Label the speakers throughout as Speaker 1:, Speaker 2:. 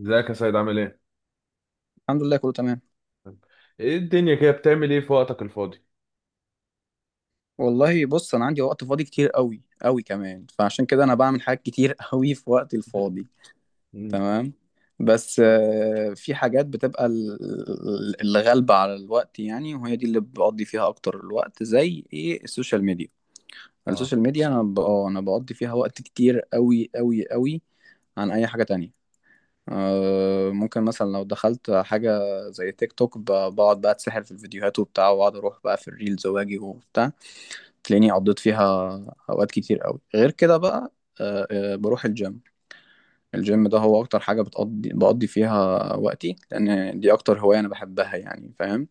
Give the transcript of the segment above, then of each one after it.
Speaker 1: ازيك يا سيد عامل ايه؟
Speaker 2: الحمد لله كله تمام.
Speaker 1: ايه الدنيا كده بتعمل ايه في وقتك الفاضي؟
Speaker 2: والله بص، انا عندي وقت فاضي كتير قوي قوي كمان، فعشان كده انا بعمل حاجات كتير قوي في وقتي الفاضي.
Speaker 1: مم.
Speaker 2: تمام. بس في حاجات بتبقى اللي غالبة على الوقت يعني، وهي دي اللي بقضي فيها اكتر الوقت، زي ايه؟ السوشيال ميديا.
Speaker 1: اه
Speaker 2: السوشيال ميديا انا ب... آه، انا بقضي فيها وقت كتير قوي قوي قوي عن اي حاجة تانية. ممكن مثلا لو دخلت حاجة زي تيك توك بقعد بقى اتسحر في الفيديوهات وبتاع، واقعد اروح بقى في الريلز واجي وبتاع، تلاقيني قضيت فيها اوقات كتير قوي. غير كده بقى بروح الجيم. الجيم ده هو اكتر حاجة بقضي فيها وقتي، لان دي اكتر هواية انا بحبها يعني، فاهم.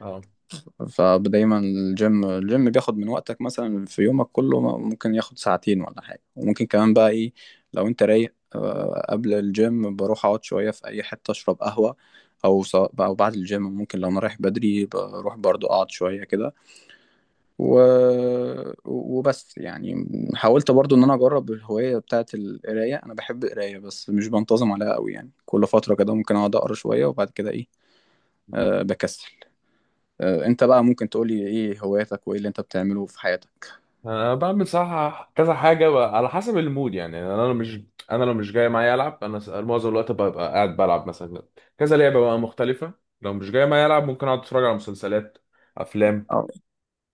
Speaker 1: اه
Speaker 2: فدايما الجيم بياخد من وقتك، مثلا في يومك كله ممكن ياخد ساعتين ولا حاجة، وممكن كمان بقى ايه، لو انت رايق قبل الجيم بروح اقعد شوية في اي حتة اشرب قهوة، او أو بعد الجيم ممكن لو انا رايح بدري بروح برضو اقعد شوية كده. و... وبس يعني. حاولت برضو ان انا اجرب الهواية بتاعت القراية، انا بحب القراية بس مش بنتظم عليها قوي يعني، كل فترة كده ممكن اقعد اقرا شوية وبعد كده ايه، أه بكسل. أه انت بقى ممكن تقولي ايه هواياتك وايه اللي انت بتعمله في حياتك؟
Speaker 1: انا بعمل صح كذا حاجة بقى على حسب المود يعني انا لو مش جاي معايا العب، معظم الوقت ببقى قاعد بلعب مثلا كذا لعبة بقى مختلفة. لو مش جاي معايا العب ممكن اقعد اتفرج على مسلسلات، افلام.
Speaker 2: أو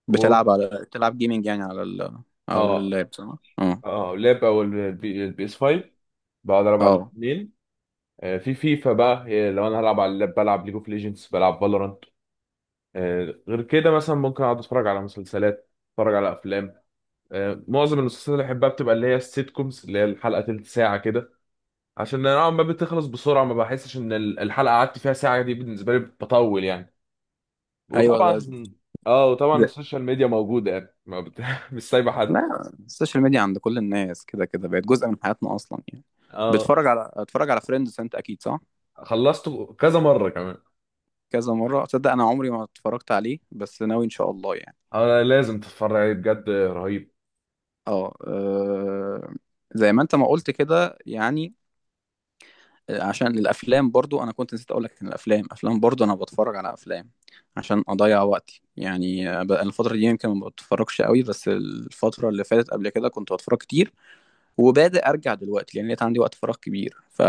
Speaker 1: و
Speaker 2: بتلعب على بتلعب جيمنج يعني على ال... على
Speaker 1: اه
Speaker 2: اللاب صح؟ اه.
Speaker 1: اه لعبة او البي اس 5، بقعد العب على
Speaker 2: اه.
Speaker 1: الاثنين. في فيفا بقى، هي لو انا هلعب على اللاب بلعب ليج اوف ليجندز، بلعب فالورانت. غير كده مثلا ممكن اقعد اتفرج على مسلسلات، اتفرج على افلام. معظم المسلسلات اللي بحبها بتبقى اللي هي السيت كومز، اللي هي الحلقه تلت ساعه كده، عشان انا نوعا ما بتخلص بسرعه، ما بحسش ان الحلقه قعدت فيها ساعه، دي بالنسبه لي بطول يعني.
Speaker 2: ايوه
Speaker 1: وطبعا، اه وطبعا
Speaker 2: ده-
Speaker 1: السوشيال ميديا موجوده يعني، ما بت... مش سايبه حد.
Speaker 2: لا، السوشيال ميديا عند كل الناس كده كده بقت جزء من حياتنا اصلا يعني.
Speaker 1: اه
Speaker 2: بتتفرج على اتفرج على فريندز انت اكيد صح؟
Speaker 1: خلصته كذا مره كمان.
Speaker 2: كذا مرة؟ تصدق أنا عمري ما اتفرجت عليه، بس ناوي إن شاء الله يعني.
Speaker 1: اه لازم تتفرج عليه بجد، رهيب.
Speaker 2: اه زي ما أنت ما قلت كده يعني. عشان الأفلام برضو، أنا كنت نسيت أقولك إن الأفلام برضو أنا بتفرج على أفلام عشان أضيع وقتي يعني. بقى الفترة دي يمكن ما بتفرجش قوي، بس الفترة اللي فاتت قبل كده كنت بتفرج كتير، وبادئ أرجع دلوقتي لأن لقيت عندي وقت فراغ كبير.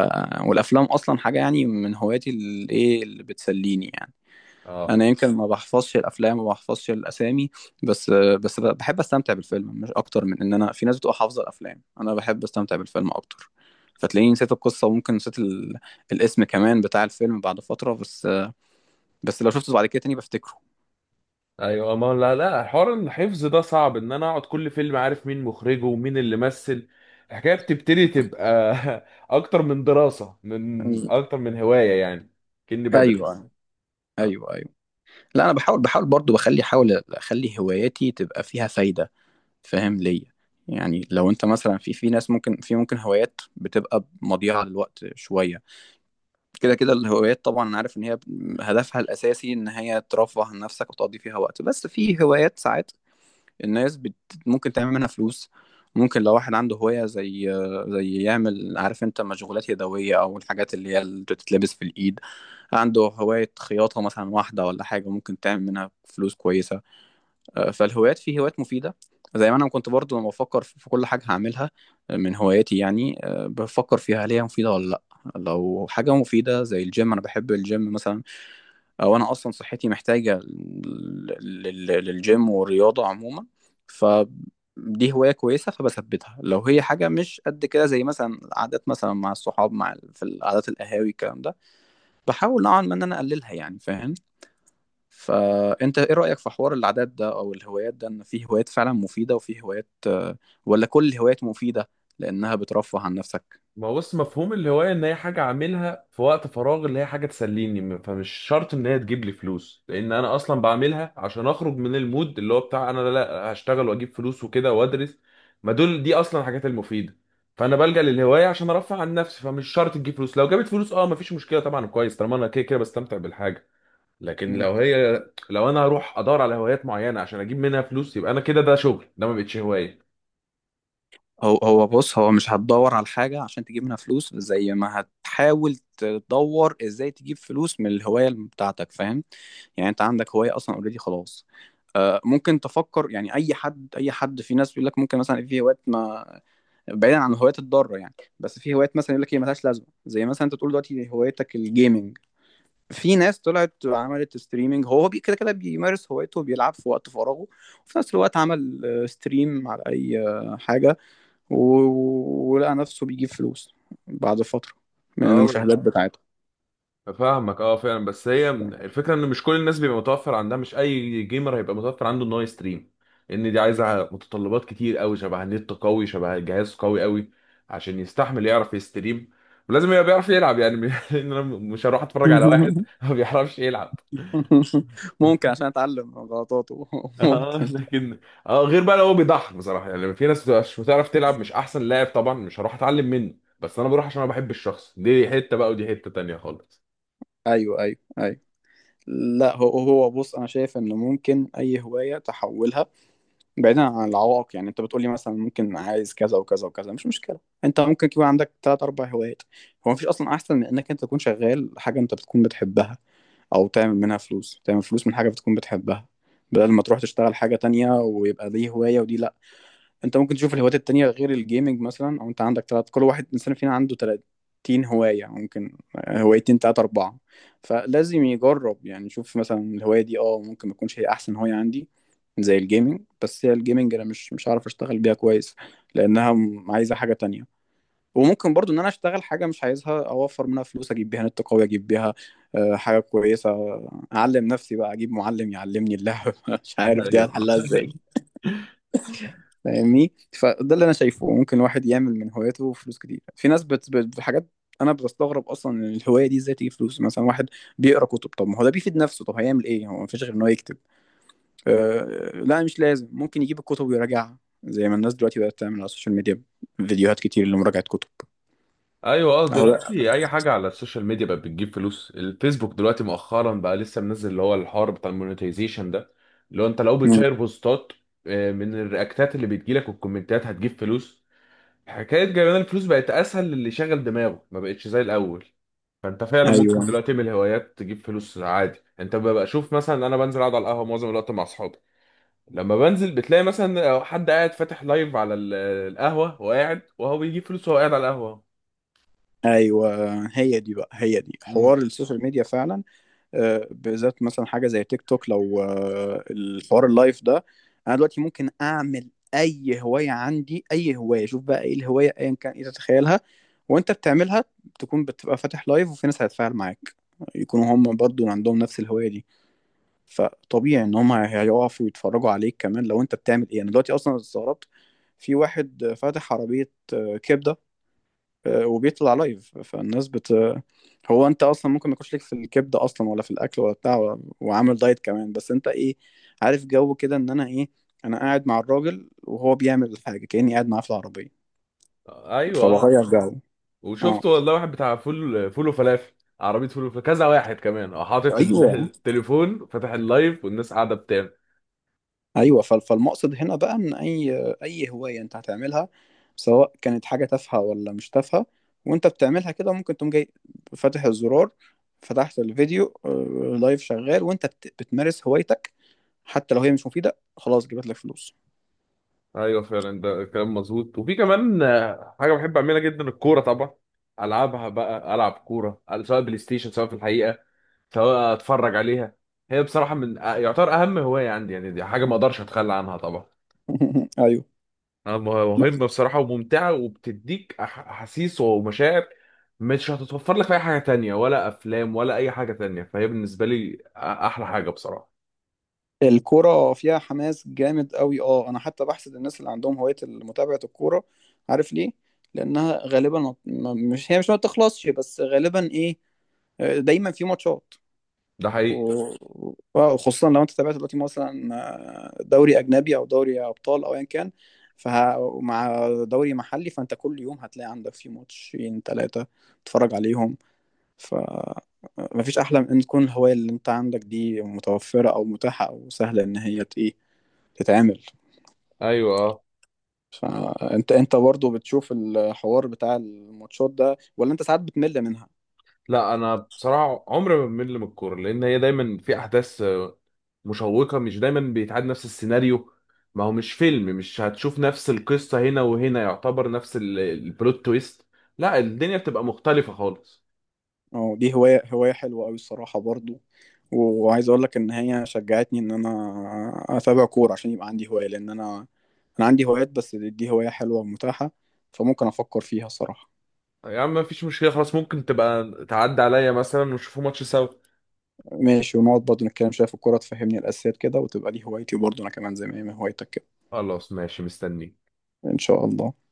Speaker 2: والأفلام أصلا حاجة يعني من هواياتي، الإيه اللي بتسليني يعني.
Speaker 1: اه
Speaker 2: انا يمكن ما بحفظش الافلام وما بحفظش الاسامي، بس بحب استمتع بالفيلم، مش اكتر من ان انا، في ناس بتبقى حافظه الافلام، انا بحب استمتع بالفيلم اكتر. فتلاقيني نسيت القصه، وممكن نسيت الاسم كمان بتاع الفيلم بعد فتره، بس بس لو شفته بعد كده تاني بفتكره.
Speaker 1: ايوه، ما لا حوار الحفظ ده صعب ان انا اقعد كل فيلم عارف مين مخرجه ومين اللي مثل، الحكايه بتبتدي تبقى اكتر من دراسه، من اكتر من هوايه يعني، كأني بدرس.
Speaker 2: ايوه، ايوه، ايوه. لا انا بحاول، بحاول برضو بخلي احاول اخلي هواياتي تبقى فيها فايده، فاهم ليا يعني. لو انت مثلا، في ناس ممكن هوايات بتبقى مضيعه للوقت شويه. كده كده الهوايات، طبعا انا عارف ان هي هدفها الاساسي ان هي ترفه عن نفسك وتقضي فيها وقت، بس في هوايات ساعات الناس ممكن تعمل منها فلوس. ممكن لو واحد عنده هواية زي يعمل، عارف انت، مشغولات يدوية او الحاجات اللي هي اللي بتتلبس في الايد، عنده هواية خياطة مثلا واحدة ولا حاجة، ممكن تعمل منها فلوس كويسة. فالهوايات في هوايات مفيدة. زي ما أنا كنت برضو لما بفكر في كل حاجة هعملها من هواياتي يعني، بفكر فيها هل هي مفيدة ولا لأ. لو حاجة مفيدة زي الجيم، أنا بحب الجيم مثلا، أو أنا أصلا صحتي محتاجة للجيم والرياضة عموما، فدي هواية كويسة فبثبتها. لو هي حاجة مش قد كده، زي مثلا القعدات مثلا مع الصحاب مع في القعدات القهاوي الكلام ده، بحاول نوعا ما إن أنا أقللها يعني، فاهم. فانت ايه رأيك في حوار العادات ده او الهوايات ده، ان في هوايات فعلا مفيدة وفي هوايات ولا كل الهوايات مفيدة لانها بترفه عن نفسك؟
Speaker 1: ما هو بص، مفهوم الهواية إن هي حاجة أعملها في وقت فراغ، اللي هي حاجة تسليني، فمش شرط إن هي تجيب لي فلوس، لأن أنا أصلا بعملها عشان أخرج من المود اللي هو بتاع أنا لا هشتغل وأجيب فلوس وكده وأدرس، ما دول دي أصلا الحاجات المفيدة. فأنا بلجأ للهواية عشان أرفع عن نفسي، فمش شرط تجيب فلوس. لو جابت فلوس أه مفيش مشكلة طبعا، كويس، طالما أنا كده بستمتع بالحاجة. لكن
Speaker 2: مم.
Speaker 1: لو هي، لو أنا هروح أدور على هوايات معينة عشان أجيب منها فلوس، يبقى أنا كده ده شغل، ده ما بقتش هواية.
Speaker 2: هو بص، هو مش هتدور على حاجة عشان تجيب منها فلوس، زي ما هتحاول تدور ازاي تجيب فلوس من الهواية بتاعتك، فاهم يعني. انت عندك هواية اصلا اوريدي خلاص، ممكن تفكر يعني. اي حد، في ناس بيقول لك ممكن مثلا في هوايات ما، بعيدا عن الهوايات الضاره يعني، بس في هوايات مثلا يقول لك هي ملهاش لازمه، زي مثلا انت تقول دلوقتي هوايتك الجيمنج، في ناس طلعت وعملت ستريمنج، هو كده كده بيمارس هوايته وبيلعب في وقت فراغه، وفي نفس الوقت عمل ستريم على اي حاجة ولقى نفسه بيجيب فلوس بعد فترة من
Speaker 1: اه
Speaker 2: المشاهدات بتاعته.
Speaker 1: فاهمك، اه فعلا، بس هي الفكره ان مش كل الناس بيبقى متوفر عندها، مش اي جيمر هيبقى متوفر عنده ان هو يستريم، لان دي عايزه متطلبات كتير قوي، شبه نت قوي، شبه جهاز قوي قوي، عشان يستحمل يعرف يستريم، ولازم يبقى بيعرف يلعب يعني، لان انا مش هروح اتفرج على واحد ما بيعرفش يلعب.
Speaker 2: ممكن عشان اتعلم من غلطاته.
Speaker 1: اه
Speaker 2: ممكن.
Speaker 1: لكن اه غير بقى لو هو بيضحك بصراحه، يعني في ناس بتبقى مش بتعرف تلعب، مش احسن لاعب طبعا مش هروح اتعلم منه، بس انا بروح عشان انا بحب الشخص، دي حته بقى، ودي حته تانيه خالص.
Speaker 2: ايوه، ايوه، ايوه. لا هو بص، انا شايف ان ممكن اي هواية تحولها. بعيدا عن العوائق يعني، انت بتقولي مثلا ممكن عايز كذا وكذا وكذا، مش مشكله، انت ممكن يكون عندك تلات اربع هوايات. هو مفيش اصلا احسن من انك انت تكون شغال حاجه انت بتكون بتحبها، او تعمل منها فلوس، تعمل فلوس من حاجه بتكون بتحبها، بدل ما تروح تشتغل حاجه تانية ويبقى دي هوايه ودي لا. انت ممكن تشوف الهوايات التانية غير الجيمنج مثلا، او انت عندك تلات، كل واحد انسان فينا عنده 30 هواية، ممكن هوايتين تلاتة اربعة، فلازم يجرب يعني، يشوف مثلا الهواية دي اه ممكن ما تكونش هي احسن هواية عندي، زي الجيمنج، بس هي الجيمنج انا مش هعرف اشتغل بيها كويس لانها عايزة حاجة تانية. وممكن برضو ان انا اشتغل حاجة مش عايزها، اوفر منها فلوس، اجيب بيها نت قوي، اجيب بيها حاجة كويسة، اعلم نفسي بقى، اجيب معلم يعلمني اللعبة مش عارف دي
Speaker 1: ايوه،
Speaker 2: هتحلها ازاي، فاهمني. فده اللي انا شايفه، ممكن الواحد يعمل من هواياته فلوس كتير. في ناس حاجات انا بستغرب اصلا ان الهوايه دي ازاي تجيب فلوس. مثلا واحد بيقرا كتب، طب ما هو ده بيفيد نفسه، طب هيعمل ايه، هو مفيش غير ان هو يكتب؟ لا مش لازم، ممكن يجيب الكتب ويراجعها، زي ما الناس دلوقتي بقت تعمل على السوشيال ميديا فيديوهات كتير لمراجعه كتب.
Speaker 1: ايوه اه
Speaker 2: اهو ده.
Speaker 1: دلوقتي اي حاجه على السوشيال ميديا بقت بتجيب فلوس. الفيسبوك دلوقتي مؤخرا بقى لسه منزل اللي هو الحوار بتاع المونetization ده، اللي هو انت لو
Speaker 2: مم.
Speaker 1: بتشير بوستات من الرياكتات اللي بتجيلك والكومنتات هتجيب فلوس. حكايه جايبان الفلوس بقت اسهل للي شغل دماغه، ما بقتش زي الاول. فانت فعلا
Speaker 2: ايوه،
Speaker 1: ممكن دلوقتي تعمل هوايات تجيب فلوس عادي. انت ببقى شوف مثلا انا بنزل اقعد على القهوه معظم الوقت مع اصحابي، لما بنزل بتلاقي مثلا حد قاعد فاتح لايف على القهوه وقاعد وهو بيجيب فلوس وهو قاعد على القهوه.
Speaker 2: ايوه، هي دي بقى، هي دي حوار السوشيال ميديا فعلا. بالذات مثلا حاجه زي تيك توك لو الحوار اللايف ده، انا دلوقتي ممكن اعمل اي هوايه عندي، اي هوايه، شوف بقى ايه الهوايه ايا كان ايه تتخيلها وانت بتعملها، تكون بتبقى فاتح لايف وفي ناس هتتفاعل معاك، يكونوا هم برضو عندهم نفس الهوايه دي، فطبيعي ان هم هيقفوا يتفرجوا عليك. كمان لو انت بتعمل ايه، انا دلوقتي اصلا استغربت في واحد فاتح عربيه كبده وبيطلع لايف، فالناس هو انت اصلا ممكن ما يكونش ليك في الكبده اصلا، ولا في الاكل ولا بتاع وعامل دايت كمان، بس انت ايه، عارف جو كده ان انا ايه، انا قاعد مع الراجل وهو بيعمل الحاجه كاني قاعد معاه في العربيه،
Speaker 1: ايوه اه،
Speaker 2: فبغير جو. اه.
Speaker 1: وشفت والله واحد بتاع فول وفلافل، عربيه فول وفلافل، كذا واحد كمان اه حاطط
Speaker 2: ايوه،
Speaker 1: التليفون فاتح اللايف والناس قاعده بتعمل.
Speaker 2: ايوه، فالمقصد هنا بقى، ان اي هوايه انت هتعملها، سواء كانت حاجه تافهه ولا مش تافهه، وانت بتعملها كده ممكن تقوم جاي فاتح الزرار، فتحت الفيديو، لايف شغال وانت بتمارس هوايتك، حتى لو هي مش مفيدة، خلاص جابت لك فلوس.
Speaker 1: ايوه فعلا، ده كلام مظبوط. وفي كمان حاجه بحب اعملها جدا، الكوره طبعا. العبها بقى، العب كوره سواء بلاي ستيشن، سواء في الحقيقه، سواء اتفرج عليها. هي بصراحه من يعتبر اهم هوايه عندي يعني، دي حاجه ما اقدرش اتخلى عنها طبعا.
Speaker 2: ايوه.
Speaker 1: مهمة بصراحة وممتعة، وبتديك أحاسيس ومشاعر مش هتتوفر لك في أي حاجة تانية، ولا أفلام ولا أي حاجة تانية، فهي بالنسبة لي أحلى حاجة بصراحة.
Speaker 2: الكورة فيها حماس جامد قوي، اه. انا حتى بحسد الناس اللي عندهم هواية متابعة الكورة، عارف ليه؟ لانها غالبا، ما- ما- مش هي مش ما بتخلصش، بس غالبا ايه، دايما في ماتشات،
Speaker 1: ده حقيقي.
Speaker 2: وخصوصا لو انت تابعت دلوقتي مثلا دوري اجنبي او دوري ابطال او ايا كان، فمع دوري محلي، فانت كل يوم هتلاقي عندك في ماتشين ثلاثة تتفرج عليهم. ف مفيش أحلى من إن تكون الهواية اللي أنت عندك دي متوفرة أو متاحة أو سهلة إن هي إيه، تتعمل.
Speaker 1: أيوة أه،
Speaker 2: فأنت برضه بتشوف الحوار بتاع الماتشات ده ولا أنت ساعات بتمل منها؟
Speaker 1: لا أنا بصراحة عمري ما بمل من الكورة، لأن هي دايما في أحداث مشوقة، مش دايما بيتعاد نفس السيناريو، ما هو مش فيلم مش هتشوف نفس القصة هنا وهنا، يعتبر نفس البلوت تويست، لا الدنيا بتبقى مختلفة خالص.
Speaker 2: أه دي هواية حلوة أوي الصراحة برضه، وعايز أقول لك إن هي شجعتني إن أنا أتابع كورة عشان يبقى عندي هواية، لأن أنا عندي هوايات، بس دي هواية حلوة ومتاحة، فممكن أفكر فيها الصراحة.
Speaker 1: يا عم مفيش مشكلة خلاص، ممكن تبقى تعدي عليا مثلا ونشوفوا ماتش سوا.
Speaker 2: ماشي، ونقعد برضه نتكلم شوية في الكورة تفهمني الأساسيات كده، وتبقى دي هوايتي برضه أنا كمان زي ما هي هوايتك كده.
Speaker 1: خلاص ماشي، مستنيك.
Speaker 2: إن شاء الله.